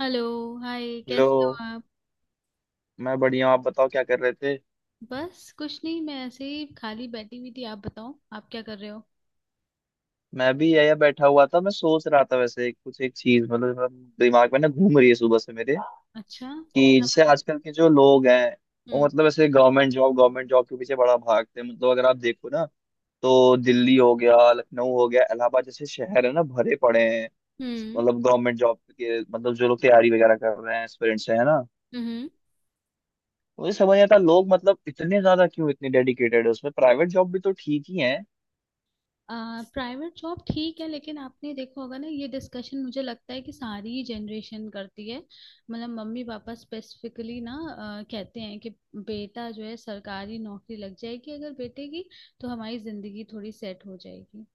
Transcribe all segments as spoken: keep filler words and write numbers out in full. Hello. Hi, लो। कैसे हो आप? मैं बढ़िया हूँ, आप बताओ क्या कर रहे थे। बस कुछ नहीं, मैं ऐसे ही खाली बैठी हुई थी। आप बताओ, आप क्या कर रहे हो? मैं भी यही बैठा हुआ था। मैं सोच रहा था वैसे कुछ एक चीज मतलब मतलब दिमाग में ना घूम रही है सुबह से मेरे, अच्छा। कि क्या जैसे बताओ। आजकल के जो लोग हैं वो हम्म। मतलब ऐसे गवर्नमेंट जॉब गवर्नमेंट जॉब के पीछे बड़ा भागते हैं। मतलब अगर आप देखो ना, तो दिल्ली हो गया, लखनऊ हो गया, इलाहाबाद जैसे शहर है ना, भरे पड़े हैं हम्म। मतलब गवर्नमेंट जॉब के। मतलब जो लोग तैयारी वगैरह कर रहे हैं, एस्पिरेंट्स हैं ना, हम्म। तो मुझे समझ नहीं आता लोग मतलब इतने ज्यादा क्यों इतने डेडिकेटेड है उसमें। प्राइवेट जॉब भी तो ठीक ही है। आ, प्राइवेट जॉब ठीक है, लेकिन आपने देखा होगा ना, ये डिस्कशन मुझे लगता है कि सारी ही जनरेशन करती है। मतलब मम्मी पापा स्पेसिफिकली ना, अ, कहते हैं कि बेटा जो है, सरकारी नौकरी लग जाएगी अगर बेटे की, तो हमारी जिंदगी थोड़ी सेट हो जाएगी।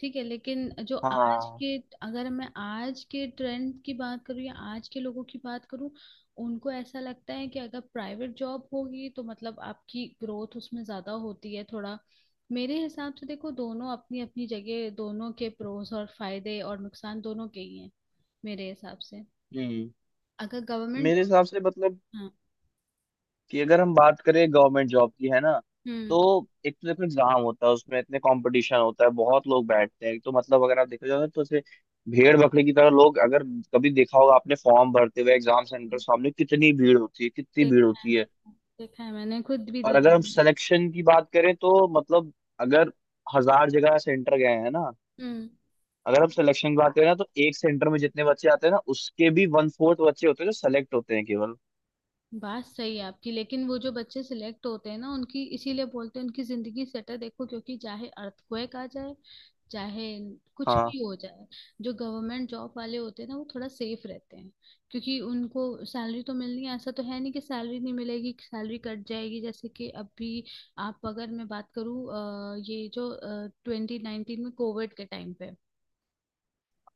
ठीक है, लेकिन जो आज हाँ। के, अगर मैं आज के ट्रेंड की बात करूँ या आज के लोगों की बात करूँ, उनको ऐसा लगता है कि अगर प्राइवेट जॉब होगी तो मतलब आपकी ग्रोथ उसमें ज्यादा होती है थोड़ा। मेरे हिसाब से देखो, दोनों अपनी अपनी जगह, दोनों के प्रोस और फायदे और नुकसान दोनों के ही हैं। मेरे हिसाब से हम्म। अगर गवर्नमेंट मेरे जॉब। हिसाब से मतलब हाँ। कि अगर हम बात करें गवर्नमेंट जॉब की, है ना, हम्म। तो एक तो देखो एग्जाम होता है उसमें, इतने कंपटीशन होता है, बहुत लोग बैठते हैं। एक तो मतलब अगर आप देखा जाए तो ऐसे भेड़ बकरी की तरह लोग। अगर कभी देखा होगा आपने फॉर्म भरते हुए एग्जाम सेंटर सामने, कितनी भीड़ होती है कितनी भीड़ देखा है, होती है। देखा है। देखा है, मैंने खुद भी और दिए हैं। अगर हम सिलेक्शन की बात करें, तो मतलब अगर हजार जगह सेंटर गए हैं ना, हम्म। अगर हम सिलेक्शन की बात करें ना, तो एक सेंटर में जितने बच्चे आते हैं ना, उसके भी वन फोर्थ बच्चे होते हैं जो सेलेक्ट होते हैं केवल। बात सही है आपकी, लेकिन वो जो बच्चे सिलेक्ट होते हैं ना, उनकी इसीलिए बोलते हैं उनकी जिंदगी सेट है, देखो, क्योंकि चाहे अर्थक्वेक आ जाए, चाहे कुछ हाँ। भी हो जाए, जो गवर्नमेंट जॉब वाले होते हैं ना, वो थोड़ा सेफ रहते हैं। क्योंकि उनको सैलरी तो मिलनी है, ऐसा तो है नहीं कि सैलरी नहीं मिलेगी, सैलरी कट जाएगी, जैसे कि अभी आप, अगर मैं बात करूँ, ये जो ट्वेंटी नाइनटीन में कोविड के टाइम पे,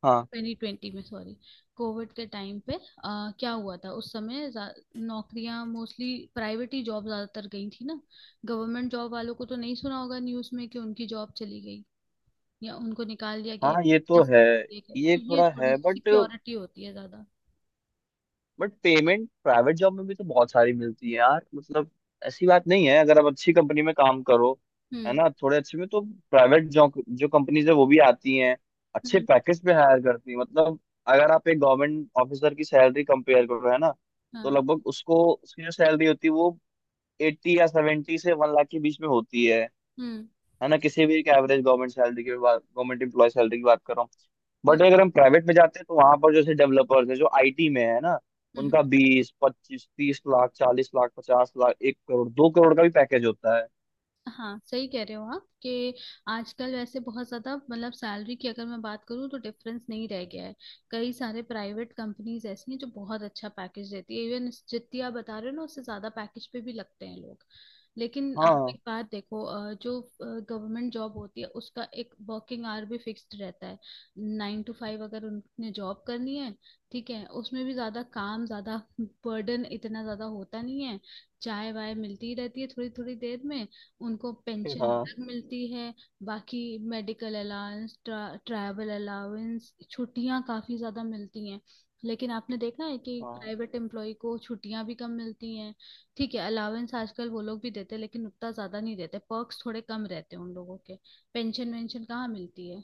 हाँ। ट्वेंटी ट्वेंटी में सॉरी, कोविड के टाइम पे अ, क्या हुआ था उस समय, जा- नौकरियां मोस्टली, प्राइवेट ही जॉब ज्यादातर गई थी ना। गवर्नमेंट जॉब वालों को तो नहीं सुना होगा न्यूज में कि उनकी जॉब चली गई या उनको निकाल दिया हाँ ये गया, तो ऐसे है। ही किया गया। ये तो ये थोड़ा थोड़ी है सी बट सिक्योरिटी होती है ज्यादा। बट पेमेंट प्राइवेट जॉब में भी तो बहुत सारी मिलती है यार। मतलब ऐसी बात नहीं है, अगर आप अच्छी कंपनी में काम करो, है हम्म। ना, थोड़े अच्छे में तो प्राइवेट जॉब जो कंपनीज है वो भी आती हैं, अच्छे हम्म। पैकेज पे हायर करती हैं मतलब। अगर आप एक गवर्नमेंट ऑफिसर की सैलरी कंपेयर करो, है ना, तो हाँ। लगभग उसको उसकी जो सैलरी होती है वो एट्टी या सेवेंटी से वन लाख के बीच में होती है। हम्म। है ना, किसी भी एक एवरेज गवर्नमेंट सैलरी की बात, गवर्नमेंट एम्प्लॉय सैलरी की बात करो। हाँ। बट अगर हम प्राइवेट में जाते हैं, तो वहां पर जैसे डेवलपर्स है जो आईटी में, है ना, हम्म। उनका बीस पच्चीस तीस लाख चालीस लाख पचास लाख एक करोड़ दो करोड़ का भी पैकेज होता है। हाँ, सही कह रहे हो आप, कि आजकल वैसे बहुत ज़्यादा मतलब, सैलरी की अगर मैं बात करूँ तो डिफरेंस नहीं रह गया है। कई सारे प्राइवेट कंपनीज ऐसी हैं जो बहुत अच्छा पैकेज देती है, इवन जितनी आप बता रहे हो ना, उससे ज़्यादा पैकेज पे भी लगते हैं लोग। लेकिन आप हाँ एक बात देखो, अ, जो गवर्नमेंट जॉब होती है उसका एक वर्किंग आवर भी फिक्स्ड रहता है। नाइन टू फाइव अगर उनने जॉब करनी है। ठीक है, उसमें भी ज़्यादा काम, ज़्यादा बर्डन इतना ज़्यादा होता नहीं है। चाय वाय मिलती ही रहती है थोड़ी थोड़ी देर में। उनको फिर पेंशन हाँ। अलग मिलती है। बाकी मेडिकल अलाउंस, ट्रा, ट्रैवल अलाउंस, छुट्टियां काफ़ी ज़्यादा मिलती हैं। लेकिन आपने देखा है कि हाँ। प्राइवेट एम्प्लॉय को छुट्टियां भी कम मिलती हैं। ठीक है, अलाउंस आजकल वो लोग भी देते हैं, लेकिन उतना ज़्यादा नहीं देते, पर्क्स थोड़े कम रहते हैं उन लोगों के। पेंशन वेंशन कहाँ मिलती है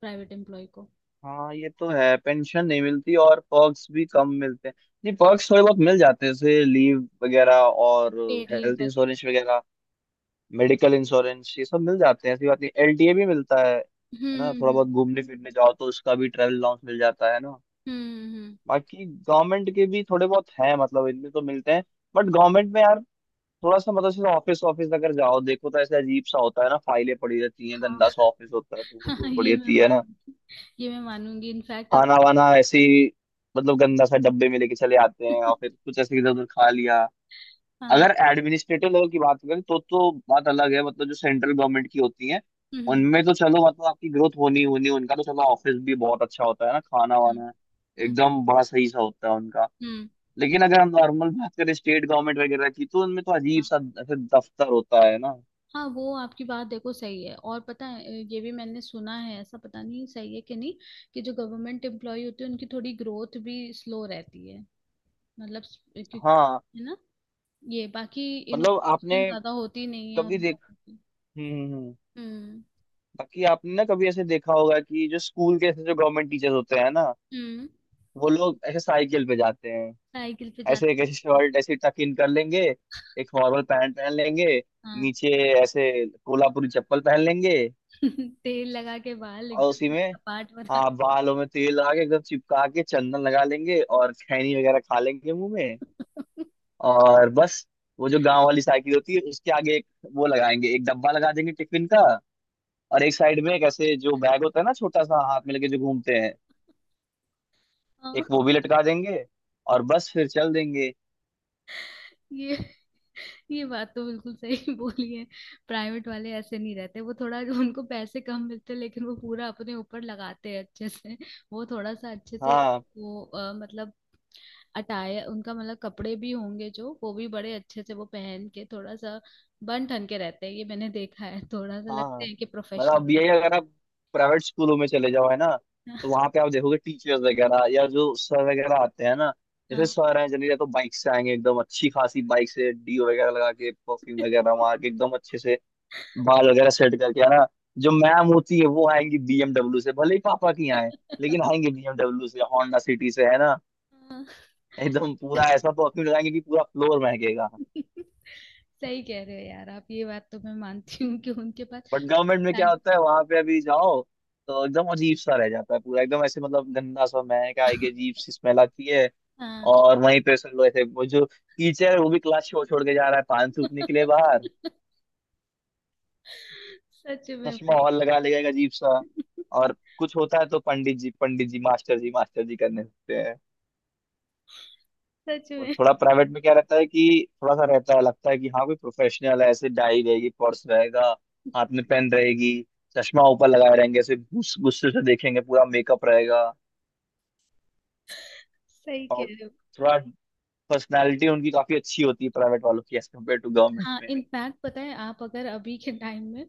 प्राइवेट एम्प्लॉय को। हाँ ये तो है, पेंशन नहीं मिलती और पर्क्स भी कम मिलते हैं। नहीं, पर्क्स थोड़े बहुत मिल जाते हैं, जैसे लीव वगैरह और पेड लीव हेल्थ वगैरह। इंश्योरेंस वगैरह, मेडिकल इंश्योरेंस, ये सब मिल जाते हैं, ऐसी बात नहीं। एलटीए भी मिलता है है हम्म। ना, थोड़ा हम्म। बहुत घूमने फिरने जाओ तो उसका भी ट्रैवल अलाउंस मिल जाता है ना। हम्म। हम्म, बाकी गवर्नमेंट के भी थोड़े बहुत हैं मतलब इनमें तो मिलते हैं। बट गवर्नमेंट में यार थोड़ा सा मतलब जैसे, ऑफिस ऑफिस अगर जाओ देखो, तो ऐसे अजीब सा होता है ना, फाइलें पड़ी रहती हैं, हाँ। गंदा सा ऑफिस होता है, धूल हाँ, वूल पड़ी ये मैं रहती है ना। मानूं, ये मैं मानूंगी, इनफैक्ट अब, खाना वाना ऐसे ही, मतलब गंदा सा डब्बे में लेके चले आते हैं, और फिर कुछ ऐसे इधर उधर खा लिया। हाँ। अगर एडमिनिस्ट्रेटिव लेवल की बात करें तो तो बात अलग है, मतलब जो सेंट्रल गवर्नमेंट की होती है हम्म। हम्म। उनमें तो चलो, मतलब आपकी ग्रोथ होनी होनी, उनका तो चलो ऑफिस भी बहुत अच्छा होता है ना, खाना हम्म। वाना हम्म। एकदम बड़ा सही सा होता है उनका। हम्म। लेकिन अगर हम नॉर्मल बात करें स्टेट गवर्नमेंट वगैरह की, तो उनमें तो अजीब सा ऐसे दफ्तर होता है ना। हाँ, वो आपकी बात देखो सही है, और पता है, ये भी मैंने सुना है, ऐसा पता नहीं सही है कि नहीं, कि जो गवर्नमेंट एम्प्लॉय होते हैं उनकी थोड़ी ग्रोथ भी स्लो रहती है। मतलब स- क्यों- हाँ है ना, ये, बाकी मतलब इनोवेशन आपने ज्यादा होती नहीं है उन कभी देख। लोगों की। हम्म हम्म, हम्म। हम्म। बाकी आपने ना कभी ऐसे देखा होगा कि जो स्कूल के ऐसे जो गवर्नमेंट टीचर्स होते हैं ना, हम्म, वो लोग ऐसे साइकिल पे जाते हैं। साइकिल पे ऐसे एक जाते हैं। ऐसे शर्ट ऐसे टक इन कर लेंगे, एक फॉर्मल पैंट पहन लेंगे हाँ। नीचे, ऐसे कोल्हापुरी चप्पल पहन लेंगे, हाँ, तेल लगा के बाल और उसी एकदम में, कपाट हाँ, बनाते बालों में तेल लगा के एकदम चिपका के चंदन लगा लेंगे और खैनी वगैरह खा लेंगे मुंह में। हैं। और बस वो जो गांव वाली साइकिल होती है उसके आगे एक वो लगाएंगे, एक डब्बा लगा देंगे टिफिन का, और एक साइड में एक ऐसे जो बैग होता है ना छोटा सा हाथ में लेके जो घूमते हैं, हाँ, एक वो भी लटका देंगे, और बस फिर चल देंगे। ये ये बात तो बिल्कुल सही बोली है। प्राइवेट वाले ऐसे नहीं रहते, वो, थोड़ा उनको पैसे कम मिलते हैं, लेकिन वो पूरा अपने ऊपर लगाते हैं अच्छे से। वो थोड़ा सा अच्छे से, हाँ। वो अ, मतलब अटाए उनका, मतलब कपड़े भी होंगे जो, वो भी बड़े अच्छे से वो पहन के, थोड़ा सा बन ठन के रहते हैं। ये मैंने देखा है, थोड़ा सा हाँ। लगते हाँ। हैं कि मतलब अब प्रोफेशनल है। यही अगर आप प्राइवेट स्कूलों में चले जाओ, है ना, तो वहां पे आप देखोगे टीचर्स वगैरह या जो सर वगैरह आते हैं ना, जैसे हाँ। सर हैं जनरली या तो बाइक से आएंगे एकदम अच्छी खासी बाइक से, डीओ वगैरह लगा के परफ्यूम वगैरह मार के एकदम अच्छे से बाल वगैरह सेट करके, है ना। जो मैम होती है वो आएंगी बीएमडब्ल्यू से, भले ही पापा की आए, लेकिन आएंगे बीएमडब्ल्यू से, होंडा सिटी से, है ना। हाँ। एकदम पूरा ऐसा परफ्यूम लगाएंगे कि पूरा फ्लोर महकेगा। सही कह रहे हो यार आप, ये बात तो मैं मानती हूँ, कि उनके पास बट गवर्नमेंट में क्या टैलेंट- होता है, वहां पे अभी जाओ तो एकदम अजीब सा रह जाता है पूरा, एकदम ऐसे मतलब गंदा सा, महक आएगी, अजीब सी स्मेल आती है। हाँ। और वहीं पे सब लोग ऐसे, वो जो टीचर है वो भी क्लास छोड़ छोड़ के जा रहा है पान थूकने के लिए बाहर। सच में चश्मा भाई। और लगा लेगा एक अजीब सा, और कुछ होता है तो पंडित जी पंडित जी मास्टर जी मास्टर जी करने होते हैं। सच और में, थोड़ा प्राइवेट में क्या रहता है कि थोड़ा सा रहता है, लगता है कि हाँ कोई प्रोफेशनल है, ऐसे डाई रहेगी, पर्स रहेगा, हाथ में पेन रहेगी, चश्मा ऊपर लगाए रहेंगे, ऐसे गुस- गुस्से से देखेंगे, पूरा मेकअप रहेगा। सही कह और रहे हो। थोड़ा पर्सनालिटी उनकी काफी अच्छी होती है, प्राइवेट वालों की एज कम्पेयर टू गवर्नमेंट हाँ, में। इनफैक्ट पता है, आप अगर अभी के टाइम में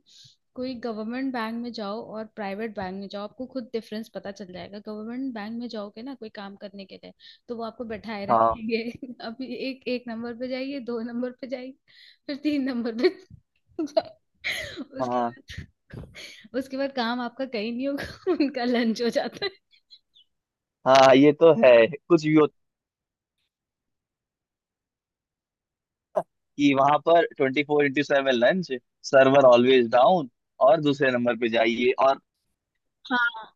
कोई गवर्नमेंट बैंक में जाओ और प्राइवेट बैंक में जाओ, आपको खुद डिफरेंस पता चल जाएगा। गवर्नमेंट बैंक में जाओगे ना कोई काम करने के लिए, तो वो आपको बैठाए हाँ। रखेंगे। अभी एक एक नंबर पे जाइए, दो नंबर पे जाइए, फिर तीन नंबर पे जाइए। उसके हाँ। बाद उसके बाद काम आपका कहीं नहीं होगा। उनका लंच हो जाता है। हाँ ये तो है। कुछ भी हो कि वहां पर twenty four into seven lunch, server always down, और दूसरे नंबर पे जाइए और। हाँ,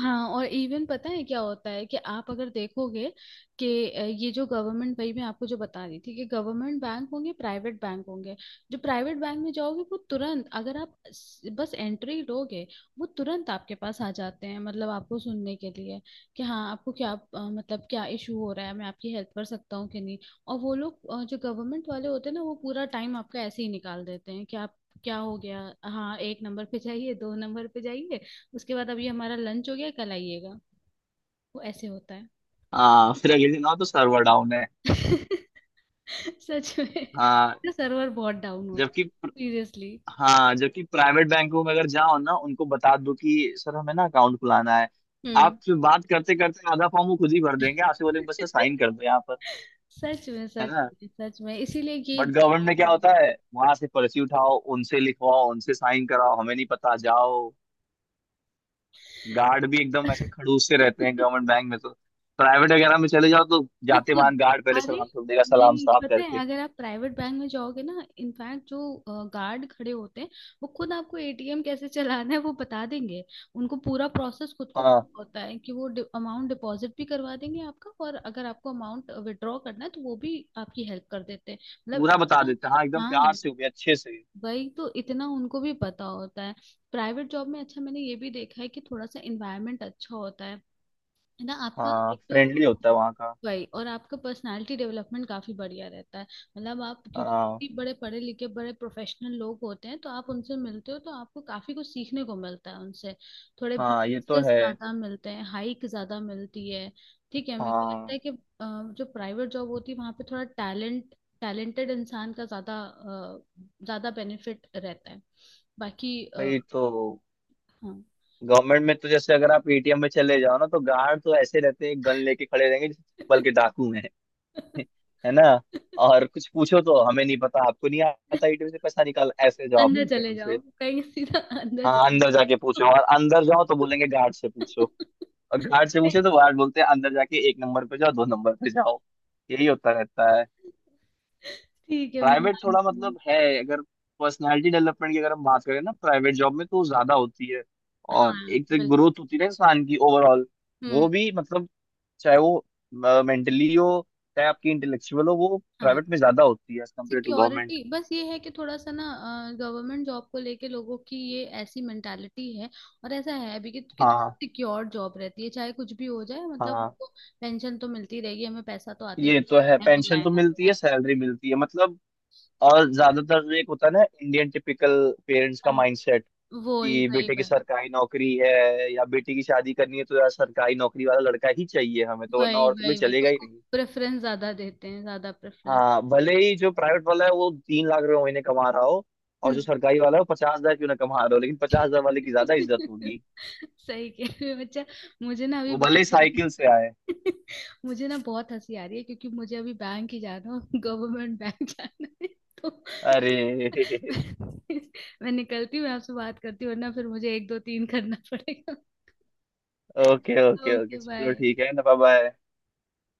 हाँ, और इवन पता है क्या होता है, कि आप अगर देखोगे कि अ, ये जो गवर्नमेंट भाई, मैं आपको जो बता रही थी कि गवर्नमेंट बैंक होंगे, प्राइवेट बैंक होंगे, जो प्राइवेट बैंक में जाओगे, वो तुरंत अगर आप स- बस एंट्री लोगे, वो तुरंत आपके पास आ जाते हैं, मतलब आपको सुनने के लिए, कि हाँ आपको क्या, अ, मतलब क्या इशू हो रहा है, मैं आपकी हेल्प कर सकता हूँ कि नहीं। और वो लोग, अ, जो गवर्नमेंट वाले होते हैं ना, वो पूरा टाइम आपका ऐसे ही निकाल देते हैं कि आप, क्या हो गया। हाँ, एक नंबर पे जाइए, दो नंबर पे जाइए, उसके बाद अब ये हमारा लंच हो गया, कल आइएगा, वो ऐसे होता है। हाँ फिर अगले दिन आओ तो सर्वर डाउन है। सच में, हाँ सर्वर बहुत डाउन होता है। जबकि, सीरियसली। हाँ जबकि प्राइवेट बैंकों में अगर जाओ ना, उनको बता दो कि सर हमें ना अकाउंट खुलाना है, हम्म। आपसे बात करते करते आधा फॉर्म वो खुद ही भर देंगे, आपसे बोलेंगे बस साइन कर दो यहाँ पर। सच में, है सच ना? में, सच में, इसीलिए ये बट ये गवर्नमेंट में क्या चीजें होता है, वहां से पर्ची उठाओ उनसे लिखवाओ उनसे साइन कराओ, हमें नहीं पता जाओ। गार्ड भी एकदम ऐसे हैं। खड़ूस से रहते हैं गवर्नमेंट बैंक में तो। प्राइवेट वगैरह में चले जाओ तो वो जाते खुद। मान गार्ड पहले अरे, सलाम ठोक देगा, सलाम नहीं, साफ पता है, करके। अगर आप प्राइवेट बैंक में जाओगे ना, इनफैक्ट जो गार्ड खड़े होते हैं, वो खुद आपको एटीएम कैसे चलाना है वो बता देंगे। उनको पूरा प्रोसेस खुद को हाँ पता होता है, कि वो अमाउंट डिपॉजिट भी करवा देंगे आपका, और अगर आपको अमाउंट विड्रॉ करना है, तो वो भी आपकी हेल्प कर देते हैं, मतलब पूरा बता इतना। देते हैं, हाँ एकदम प्यार हाँ, से होके अच्छे से। वही तो, इतना उनको भी पता होता है। प्राइवेट जॉब में अच्छा, मैंने ये भी देखा है कि थोड़ा सा इन्वायरमेंट अच्छा होता है है ना आपका, हाँ एक तो। फ्रेंडली होता है वहाँ का। वही, और आपका पर्सनालिटी डेवलपमेंट काफी बढ़िया रहता है। मतलब आप, हाँ। क्योंकि बड़े पढ़े लिखे, बड़े प्रोफेशनल लोग होते हैं, तो आप उनसे मिलते हो, तो आपको काफी कुछ सीखने को मिलता है उनसे। थोड़े हाँ ये तो बोनसेस है। ज्यादा मिलते हैं, हाइक ज्यादा मिलती है। ठीक है, मेरे को लगता हाँ है कि अ, जो प्राइवेट जॉब होती है, वहां पे थोड़ा टैलेंट टैलेंटेड इंसान का ज्यादा अ, ज्यादा बेनिफिट रहता है। बाकी अ, भाई, तो हाँ। गवर्नमेंट में तो जैसे अगर आप एटीएम में चले जाओ ना, तो गार्ड तो ऐसे रहते हैं गन लेके खड़े रहेंगे जैसे, बल्कि डाकू हैं। है ना? और कुछ पूछो तो हमें नहीं पता, आपको नहीं आता एटीएम से पैसा निकाल, ऐसे जवाब अंदर मिलते हैं चले जाओ, उनसे। कहीं सीधा अंदर हाँ चले अंदर जाके पूछो, जाओ। और अंदर जाओ तो बोलेंगे गार्ड से पूछो। और गार्ड से नहीं, पूछे तो गार्ड बोलते हैं अंदर जाके एक नंबर पे जाओ, दो नंबर पे जाओ। यही होता रहता है। ठीक है, मैं प्राइवेट थोड़ा मानती हूँ। मतलब है, अगर पर्सनालिटी डेवलपमेंट की अगर हम बात करें ना, प्राइवेट जॉब में तो ज्यादा होती है। और हाँ, एक तो बिल्कुल। ग्रोथ होती है ना इंसान की ओवरऑल, हम्म। वो भी मतलब, चाहे वो मेंटली हो चाहे आपकी इंटेलेक्चुअल हो, वो हाँ, प्राइवेट में ज्यादा होती है as compare to government. Security बस ये है कि, थोड़ा सा ना, गवर्नमेंट जॉब को लेके लोगों की ये ऐसी मेंटालिटी है। और ऐसा है भी कि, कि हाँ। सिक्योर जॉब रहती है, चाहे कुछ भी हो जाए, मतलब हाँ उनको पेंशन तो मिलती रहेगी, हमें पैसा तो आते ही ये तो रहेगा, है, चाहे पेंशन बुलाए तो ना मिलती है बुलाए। सैलरी मिलती है मतलब। और ज्यादातर एक होता है ना इंडियन टिपिकल पेरेंट्स का हाँ, माइंडसेट, वही, कि वही, बेटे की वही, सरकारी नौकरी है, या बेटी की शादी करनी है तो यार सरकारी नौकरी वाला लड़का ही चाहिए हमें तो, वरना वही, और तो कोई वही, वही, चलेगा ही उसको नहीं। प्रेफरेंस ज्यादा देते हैं, ज्यादा प्रेफरेंस। हाँ भले ही जो प्राइवेट वाला है वो तीन लाख रुपए महीने कमा रहा हो, और हम्म। जो सरकारी वाला है वो पचास हजार क्यों ना कमा रहा हो, लेकिन पचास हजार वाले की ज्यादा इज्जत होगी। सही कह रहे हो बच्चा। मुझे ना अभी वो भले ही बैंक साइकिल से आए। मुझे ना बहुत हंसी आ रही है, क्योंकि मुझे अभी बैंक ही जाना है, गवर्नमेंट बैंक जाना है, तो अरे मैं, मैं निकलती हूँ, मैं आपसे बात करती हूँ, वरना फिर मुझे एक दो तीन करना पड़ेगा। ओके ओके ओके ओके चलो बाय। ठीक है ना बाय।